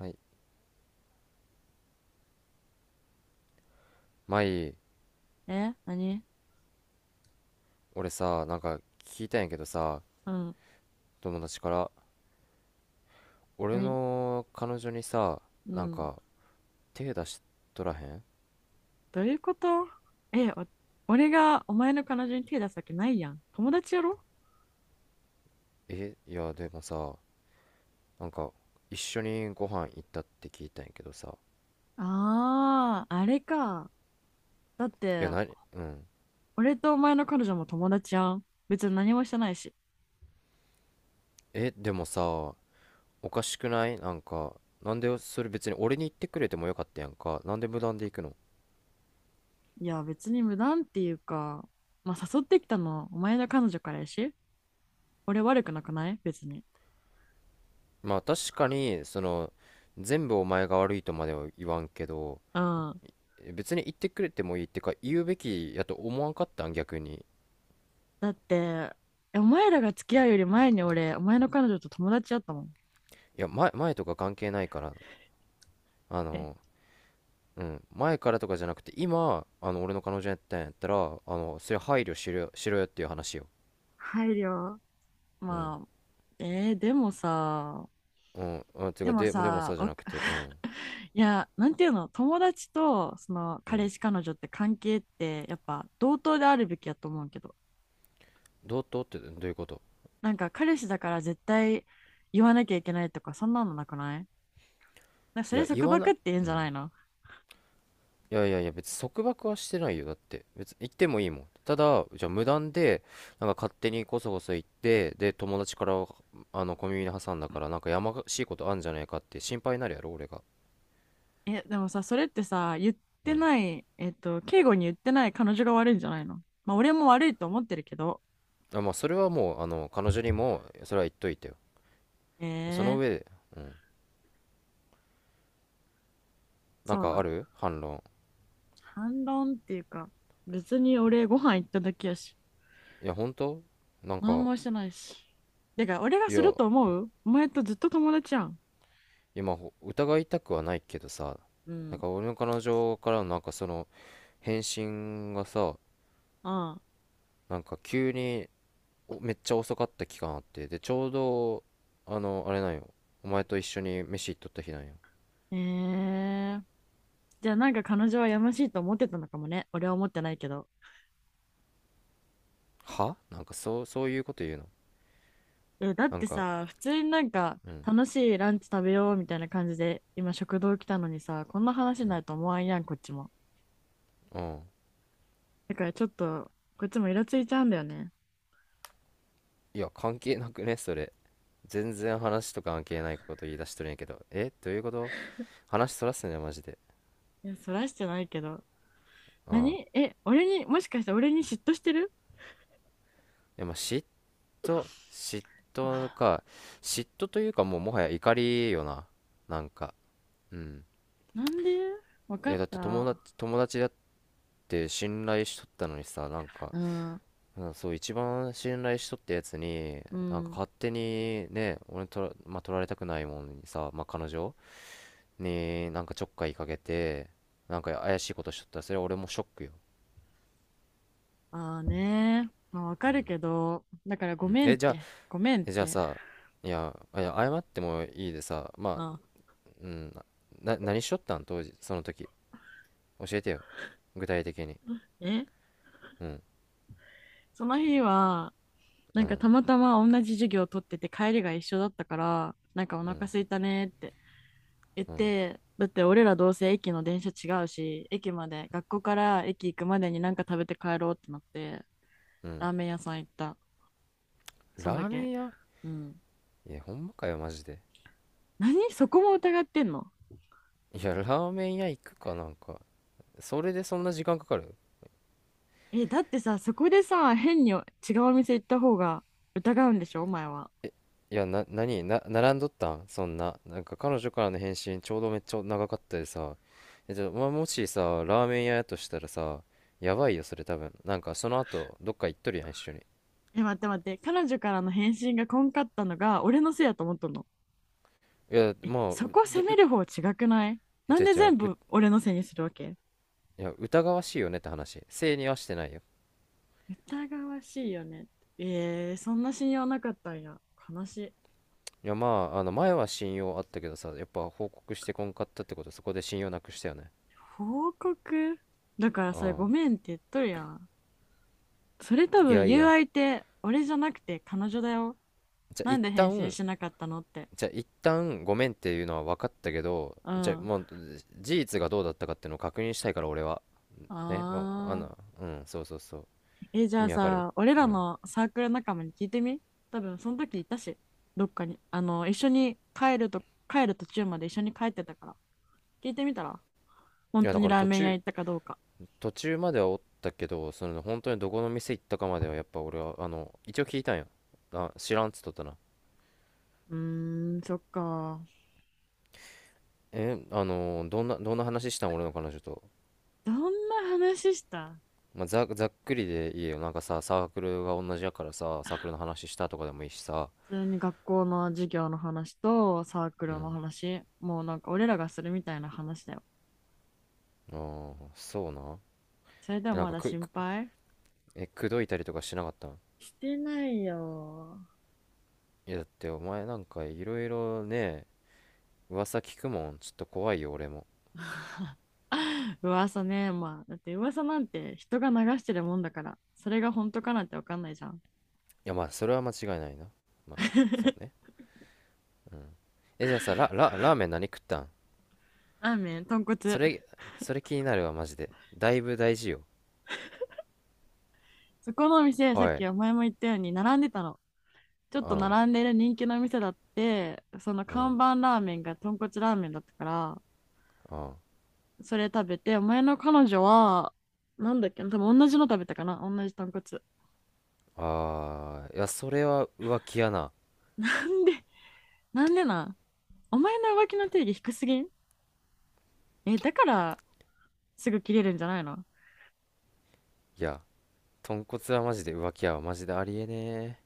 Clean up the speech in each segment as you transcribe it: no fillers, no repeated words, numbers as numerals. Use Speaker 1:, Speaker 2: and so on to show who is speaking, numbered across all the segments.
Speaker 1: はい。前、
Speaker 2: え？何？
Speaker 1: 俺さ、聞いたんやけどさ、
Speaker 2: うん。
Speaker 1: 友達から、俺
Speaker 2: 何？
Speaker 1: の彼女にさ、
Speaker 2: う
Speaker 1: なん
Speaker 2: ん。
Speaker 1: か手出しとらへん？
Speaker 2: どういうこと？え、俺がお前の彼女に手出すわけないやん。友達やろ？
Speaker 1: いや、でもさ、なんか一緒にご飯行ったって聞いたんやけどさ。
Speaker 2: ああー、あれか。だっ
Speaker 1: いや、
Speaker 2: て、
Speaker 1: なに、うん。
Speaker 2: 俺とお前の彼女も友達やん。別に何もしてないし。
Speaker 1: でもさ、おかしくない？なんでそれ別に俺に言ってくれてもよかったやんか。なんで無断で行くの？
Speaker 2: いや、別に無断っていうか、まあ、誘ってきたのお前の彼女からやし。俺悪くなくない別に。
Speaker 1: まあ確かに、全部お前が悪いとまでは言わんけど、
Speaker 2: うん。
Speaker 1: 別に言ってくれてもいい、ってか言うべきやと思わんかったん逆に？
Speaker 2: だって、お前らが付き合うより前に俺、お前の彼女と友達やったもん。
Speaker 1: いや、前とか関係ないから、あ
Speaker 2: え、
Speaker 1: のうん。前からとかじゃなくて、今俺の彼女やったんやったら、それ配慮しろよ、しろよっていう話よ。
Speaker 2: 配慮。
Speaker 1: うん。
Speaker 2: まあ、でもさ、
Speaker 1: うんうん。て
Speaker 2: で
Speaker 1: か
Speaker 2: も
Speaker 1: で、でも
Speaker 2: さ、
Speaker 1: さじゃ
Speaker 2: わ
Speaker 1: なく
Speaker 2: か
Speaker 1: て。う ん。
Speaker 2: いや、なんていうの、友達とその
Speaker 1: う
Speaker 2: 彼
Speaker 1: ん。
Speaker 2: 氏、彼女って関係ってやっぱ同等であるべきやと思うけど、
Speaker 1: どういうこと？
Speaker 2: なんか彼氏だから絶対言わなきゃいけないとか、そんなのなくない？なんかそ
Speaker 1: い
Speaker 2: れ
Speaker 1: や、言
Speaker 2: 束
Speaker 1: わ
Speaker 2: 縛
Speaker 1: な。
Speaker 2: って言うん
Speaker 1: う
Speaker 2: じゃ
Speaker 1: ん。
Speaker 2: ないの？
Speaker 1: いやいやいや、別に束縛はしてないよ。だって別に行ってもいいもん。ただじゃあ無断で勝手にこそこそ行って、で友達から小耳に挟んだから、やましいことあんじゃないかって心配になるやろ俺が。
Speaker 2: え、でもさ、それってさ、言っ
Speaker 1: う
Speaker 2: て
Speaker 1: ん。
Speaker 2: ない、えっと、敬語に言ってない彼女が悪いんじゃないの？まあ、俺も悪いと思ってるけど。
Speaker 1: あ、まあ、それはもう彼女にもそれは言っといてよ。
Speaker 2: え
Speaker 1: その
Speaker 2: ー、
Speaker 1: 上で。うん。なん
Speaker 2: そう
Speaker 1: か
Speaker 2: な
Speaker 1: あ
Speaker 2: ん。
Speaker 1: る、反論？
Speaker 2: 反論っていうか、別に俺ご飯行っただけやし。
Speaker 1: いや、本当。なん
Speaker 2: 何
Speaker 1: か
Speaker 2: もしてないし。てか、俺が
Speaker 1: い
Speaker 2: する
Speaker 1: や、
Speaker 2: と思う？お前とずっと友達やん。
Speaker 1: 今疑いたくはないけどさ、
Speaker 2: うん。
Speaker 1: 俺の彼女からのその返信がさ、
Speaker 2: ああ。
Speaker 1: 急に、おめっちゃ遅かった期間あってで、ちょうどあれなんよ。お前と一緒に飯行っとった日なんよ。
Speaker 2: えー。じゃあなんか彼女はやましいと思ってたのかもね。俺は思ってないけど。
Speaker 1: そうそういうこと言うの？
Speaker 2: え、だっ
Speaker 1: なん
Speaker 2: て
Speaker 1: か
Speaker 2: さ、普通になんか
Speaker 1: うん
Speaker 2: 楽しいランチ食べようみたいな感じで、今食堂来たのにさ、こんな話になると思わんやん、こっちも。
Speaker 1: うん。
Speaker 2: だからちょっと、こっちもイラついちゃうんだよね。
Speaker 1: いや関係なくねそれ。全然話と関係ないこと言い出しとるんやけど、どういうこと？話そらすねマジで。
Speaker 2: いや、そらしてないけど。
Speaker 1: うん。
Speaker 2: 何？俺に、もしかして俺に嫉妬してる？
Speaker 1: でも嫉妬
Speaker 2: あ
Speaker 1: か。嫉妬というかもうもはや怒りよな。なんかうん。
Speaker 2: なんで？わかっ
Speaker 1: だって友
Speaker 2: た。
Speaker 1: 達友達だって信頼しとったのにさ。
Speaker 2: うん。
Speaker 1: うん、そう、一番信頼しとったやつに
Speaker 2: うん。
Speaker 1: 勝手にね、俺まあ、取られたくないもんにさ、まあ、彼女にちょっかいかけて、怪しいことしとったらそれは俺もショックよ。
Speaker 2: ああね。まあ、わかるけど、だからご
Speaker 1: うん。
Speaker 2: めんっ
Speaker 1: じゃあ、
Speaker 2: て、ごめんっ
Speaker 1: えじゃあ
Speaker 2: て。
Speaker 1: さ、いや、いや謝ってもいいでさ、まあ、
Speaker 2: あ、
Speaker 1: うん。何しとったん、当時その時。教えてよ、具体的に。
Speaker 2: え
Speaker 1: うん
Speaker 2: その日は、な
Speaker 1: う
Speaker 2: んか
Speaker 1: ん
Speaker 2: たまたま同じ授業を取ってて帰りが一緒だったから、なんかお
Speaker 1: う
Speaker 2: 腹
Speaker 1: ん
Speaker 2: 空いたねって言っ
Speaker 1: うん
Speaker 2: て、だって俺らどうせ駅の電車違うし、駅まで、学校から駅行くまでになんか食べて帰ろうってなって、
Speaker 1: うん。
Speaker 2: ラーメン屋さん行った。そん
Speaker 1: ラ
Speaker 2: だ
Speaker 1: ーメ
Speaker 2: け。
Speaker 1: ン屋。
Speaker 2: うん。
Speaker 1: いやほんまかよマジで。
Speaker 2: 何？そこも疑ってんの？
Speaker 1: いや、ラーメン屋行くか、なんかそれでそんな時間かかる？
Speaker 2: え、だってさ、そこでさ、変に違うお店行った方が疑うんでしょ？お前は。
Speaker 1: いや、何並んどったん、そんな。彼女からの返信ちょうどめっちゃ長かったでさ。じゃあ、まあ、もしさ、ラーメン屋やとしたらさ、やばいよそれ。多分その後どっか行っとるやん一緒に。
Speaker 2: え、待って待って。彼女からの返信がこんかったのが俺のせいやと思っとんの？
Speaker 1: いや、
Speaker 2: え、
Speaker 1: まあ、う
Speaker 2: そこ
Speaker 1: だ
Speaker 2: 責め
Speaker 1: う
Speaker 2: る方違くない？なん
Speaker 1: じう
Speaker 2: で
Speaker 1: じゃ
Speaker 2: 全
Speaker 1: う
Speaker 2: 部俺のせいにするわけ？
Speaker 1: いや、疑わしいよねって話、正にはしてないよ。
Speaker 2: 疑わしいよね。そんな信用なかったんや。悲しい。
Speaker 1: いや、まあ、前は信用あったけどさ、やっぱ報告してこんかったってこと、そこで信用なくしたよね。
Speaker 2: 報告？だから
Speaker 1: う
Speaker 2: それ
Speaker 1: ん。
Speaker 2: ごめんって言っとるやん。それ多
Speaker 1: いや
Speaker 2: 分
Speaker 1: い
Speaker 2: 言う
Speaker 1: や。
Speaker 2: 相手、俺じゃなくて彼女だよ。
Speaker 1: じゃあ
Speaker 2: な
Speaker 1: 一
Speaker 2: んで返信
Speaker 1: 旦
Speaker 2: しなかったのって。
Speaker 1: じゃあ一旦ごめんっていうのは分かったけど、
Speaker 2: う
Speaker 1: じゃあ
Speaker 2: ん。
Speaker 1: もう事実がどうだったかっていうのを確認したいから俺は。ね、もうあん
Speaker 2: あー。
Speaker 1: な、うん、そうそうそう。
Speaker 2: え、じゃ
Speaker 1: 意
Speaker 2: あ
Speaker 1: 味わかる？
Speaker 2: さ、俺
Speaker 1: う
Speaker 2: ら
Speaker 1: ん。
Speaker 2: のサークル仲間に聞いてみ？多分その時いたし、どっかに。一緒に帰ると、帰る途中まで一緒に帰ってたから。聞いてみたら
Speaker 1: い
Speaker 2: 本
Speaker 1: や
Speaker 2: 当
Speaker 1: だ
Speaker 2: に
Speaker 1: から
Speaker 2: ラー
Speaker 1: 途
Speaker 2: メン屋
Speaker 1: 中
Speaker 2: 行ったかどうか。
Speaker 1: 途中まではおったけど、本当にどこの店行ったかまではやっぱ俺は一応聞いたんや。あ、知らんっつっとったな。
Speaker 2: うーん、そっか。
Speaker 1: えあのーどんな話したん、俺の彼女と？
Speaker 2: どんな話した？
Speaker 1: まあ、ざっくりでいいよ。さ、サークルが同じやからさ、サークルの話したとかでもいいしさ。
Speaker 2: 普通に学校の授業の話とサーク
Speaker 1: う
Speaker 2: ルの
Speaker 1: ん。
Speaker 2: 話。もうなんか俺らがするみたいな話だよ。
Speaker 1: ああ、そうな。
Speaker 2: それでも
Speaker 1: えなん
Speaker 2: ま
Speaker 1: か
Speaker 2: だ
Speaker 1: く
Speaker 2: 心配？
Speaker 1: 口説いたりとかしなかったん？
Speaker 2: してないよ。
Speaker 1: いや、だってお前なんかいろいろね、噂聞くもん。ちょっと怖いよ、俺も。
Speaker 2: 噂ね、まあ、だって噂なんて人が流してるもんだから、それが本当かなんてわかんないじゃん。
Speaker 1: いや、まあ、それは間違いないな。まあ、そう ね。じゃあさ、ラーメン何食ったん？
Speaker 2: ラーメン、豚
Speaker 1: そ
Speaker 2: 骨。
Speaker 1: れ、それ気になるわ、マジで。だいぶ大事よ。
Speaker 2: そこのお店、さっ
Speaker 1: おい、
Speaker 2: きお前も言ったように並んでたの。ちょっ
Speaker 1: う
Speaker 2: と
Speaker 1: ん、
Speaker 2: 並んでる人気の店だって、その
Speaker 1: うん、
Speaker 2: 看板ラーメンが豚骨ラーメンだったから、
Speaker 1: うん。
Speaker 2: それ食べて、お前の彼女は、なんだっけな、多分同じの食べたかな、同じ豚骨。
Speaker 1: あー、いや、それは浮気やな。
Speaker 2: なんでなん？お前の浮気の定義低すぎん？え、だからすぐ切れるんじゃないの？
Speaker 1: いや、豚骨はマジで浮気やわ。マジでありえね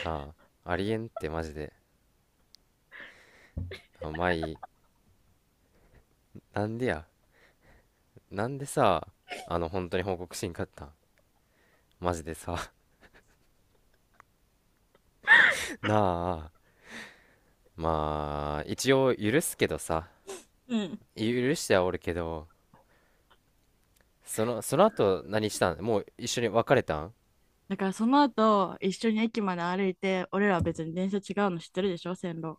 Speaker 1: え。なあ、ありえんってマジで。あ、まあいい。なんでや。なんでさ、本当に報告しんかったん、マジでさ。 なあ、まあ一応許すけどさ、
Speaker 2: うん。
Speaker 1: 許してはおるけど、その後何したん？もう一緒に別れたん？
Speaker 2: だからその後、一緒に駅まで歩いて、俺らは別に電車違うの知ってるでしょ、線路。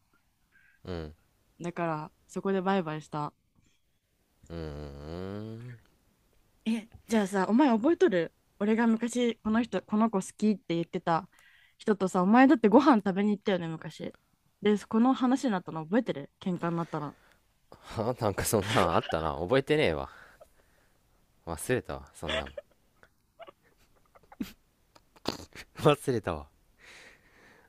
Speaker 1: うん。
Speaker 2: だから、そこでバイバイした。
Speaker 1: うーん。
Speaker 2: え、じゃあさ、お前覚えとる？俺が昔、この子好きって言ってた人とさ、お前だってご飯食べに行ったよね、昔。で、この話になったの覚えてる？喧嘩になったら。
Speaker 1: そんなんあったな。覚えてねえわ。忘れたわ、そんなもん。 忘れたわ。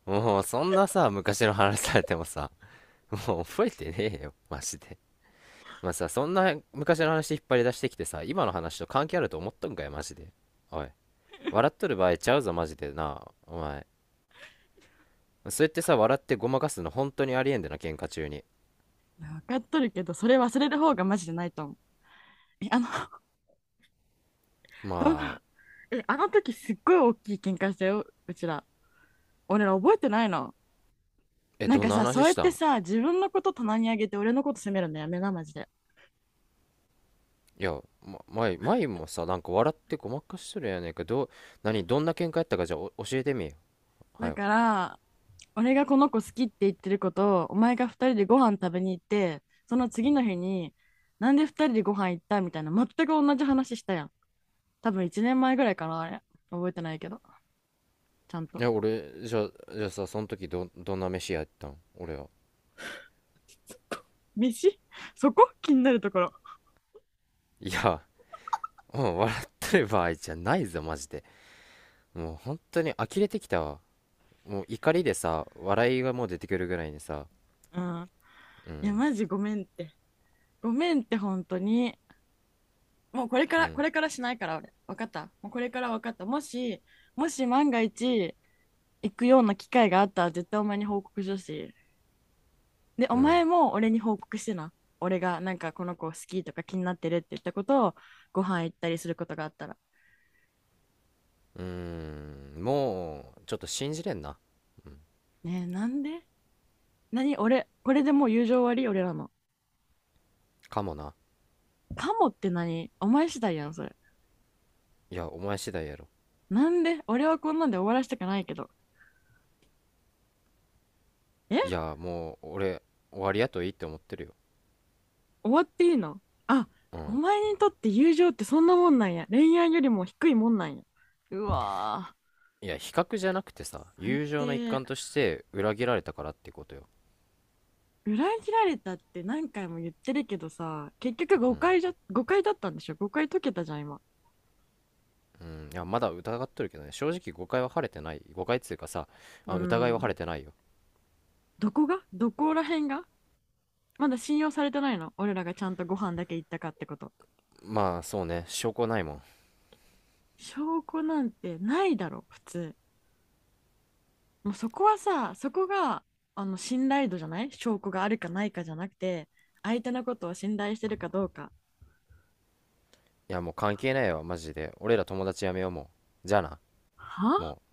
Speaker 1: もうそんなさ、昔の話されてもさ、もう覚えてねえよマジで。まあさ、そんな昔の話引っ張り出してきてさ、今の話と関係あると思っとんかいマジで。おい、笑っとる場合ちゃうぞマジでな、お前。そうやってさ、笑ってごまかすの本当にありえんでな、喧嘩中に。
Speaker 2: 分かっとるけど、それ忘れる方がマジでないと思う。え、あの、どの
Speaker 1: まあ、
Speaker 2: え、あの時すっごい大きい喧嘩したよ、うちら。俺ら覚えてないの？なん
Speaker 1: どん
Speaker 2: か
Speaker 1: な
Speaker 2: さ、
Speaker 1: 話
Speaker 2: そう
Speaker 1: し
Speaker 2: やっ
Speaker 1: た
Speaker 2: て
Speaker 1: ん？
Speaker 2: さ、自分のこと棚にあげて俺のこと責めるのやめな、マジで。
Speaker 1: いや、ま、前もさ、笑ってごまかしとるやねんけど、何どんな喧嘩やったか、じゃあお教えてみよ、は
Speaker 2: だ
Speaker 1: よ。
Speaker 2: から、俺がこの子好きって言ってることを、お前が二人でご飯食べに行って、その次の日に、なんで二人でご飯行ったみたいな、全く同じ話したやん。多分一年前ぐらいかな、あれ。覚えてないけど、ちゃん
Speaker 1: い
Speaker 2: と。
Speaker 1: や俺、じゃあさ、その時どんな飯やったん俺は？
Speaker 2: 飯？ そこ気になるところ。
Speaker 1: いや、うん、笑ってる場合じゃないぞマジで。もう本当に呆れてきたわ。もう怒りでさ、笑いがもう出てくるぐらいにさ。
Speaker 2: うん。
Speaker 1: う
Speaker 2: いや、
Speaker 1: ん
Speaker 2: マジごめんって。ごめんって、本当に。もう
Speaker 1: う
Speaker 2: こ
Speaker 1: ん
Speaker 2: れからしないから、俺。わかった。もうこれから。わかった。もし万が一、行くような機会があったら絶対お前に報告しようし。で、お
Speaker 1: うん
Speaker 2: 前も俺に報告してな。俺がなんかこの子好きとか気になってるって言ったことをご飯行ったりすることがあったら。
Speaker 1: うん。もうちょっと信じれんな。
Speaker 2: ねえ、なんで？何？俺、これでもう友情終わり俺らの？
Speaker 1: かもな。
Speaker 2: かもって何？お前次第やん、それ。
Speaker 1: いや、お前次第やろ。
Speaker 2: なんで俺はこんなんで終わらせたくないけど。
Speaker 1: い
Speaker 2: え？
Speaker 1: や、もう、俺、終わりやといいって思ってるよ。
Speaker 2: 終わっていいの？あ、
Speaker 1: う
Speaker 2: お
Speaker 1: ん。
Speaker 2: 前にとって友情ってそんなもんなんや。恋愛よりも低いもんなんや。うわぁ、
Speaker 1: いや、比較じゃなくてさ、
Speaker 2: 最
Speaker 1: 友情の一
Speaker 2: 低。
Speaker 1: 環として裏切られたからってことよ。
Speaker 2: 裏切られたって何回も言ってるけどさ、結局誤解だったんでしょ？誤解解けたじゃん、今。
Speaker 1: うん。いや、まだ疑っとるけどね、正直誤解は晴れてない。誤解っつうかさ、
Speaker 2: うー
Speaker 1: あ、疑いは晴れて
Speaker 2: ん。
Speaker 1: ないよ。
Speaker 2: どこら辺が？まだ信用されてないの？俺らがちゃんとご飯だけ行ったかってこと？
Speaker 1: まあ、そうね、証拠ないもん。い
Speaker 2: 証拠なんてないだろ、普通。もうそこが、信頼度じゃない？証拠があるかないかじゃなくて、相手のことを信頼してるかどうか。
Speaker 1: や、もう関係ないわ、マジで。俺ら友達やめようもう。じゃあな、も
Speaker 2: は
Speaker 1: う。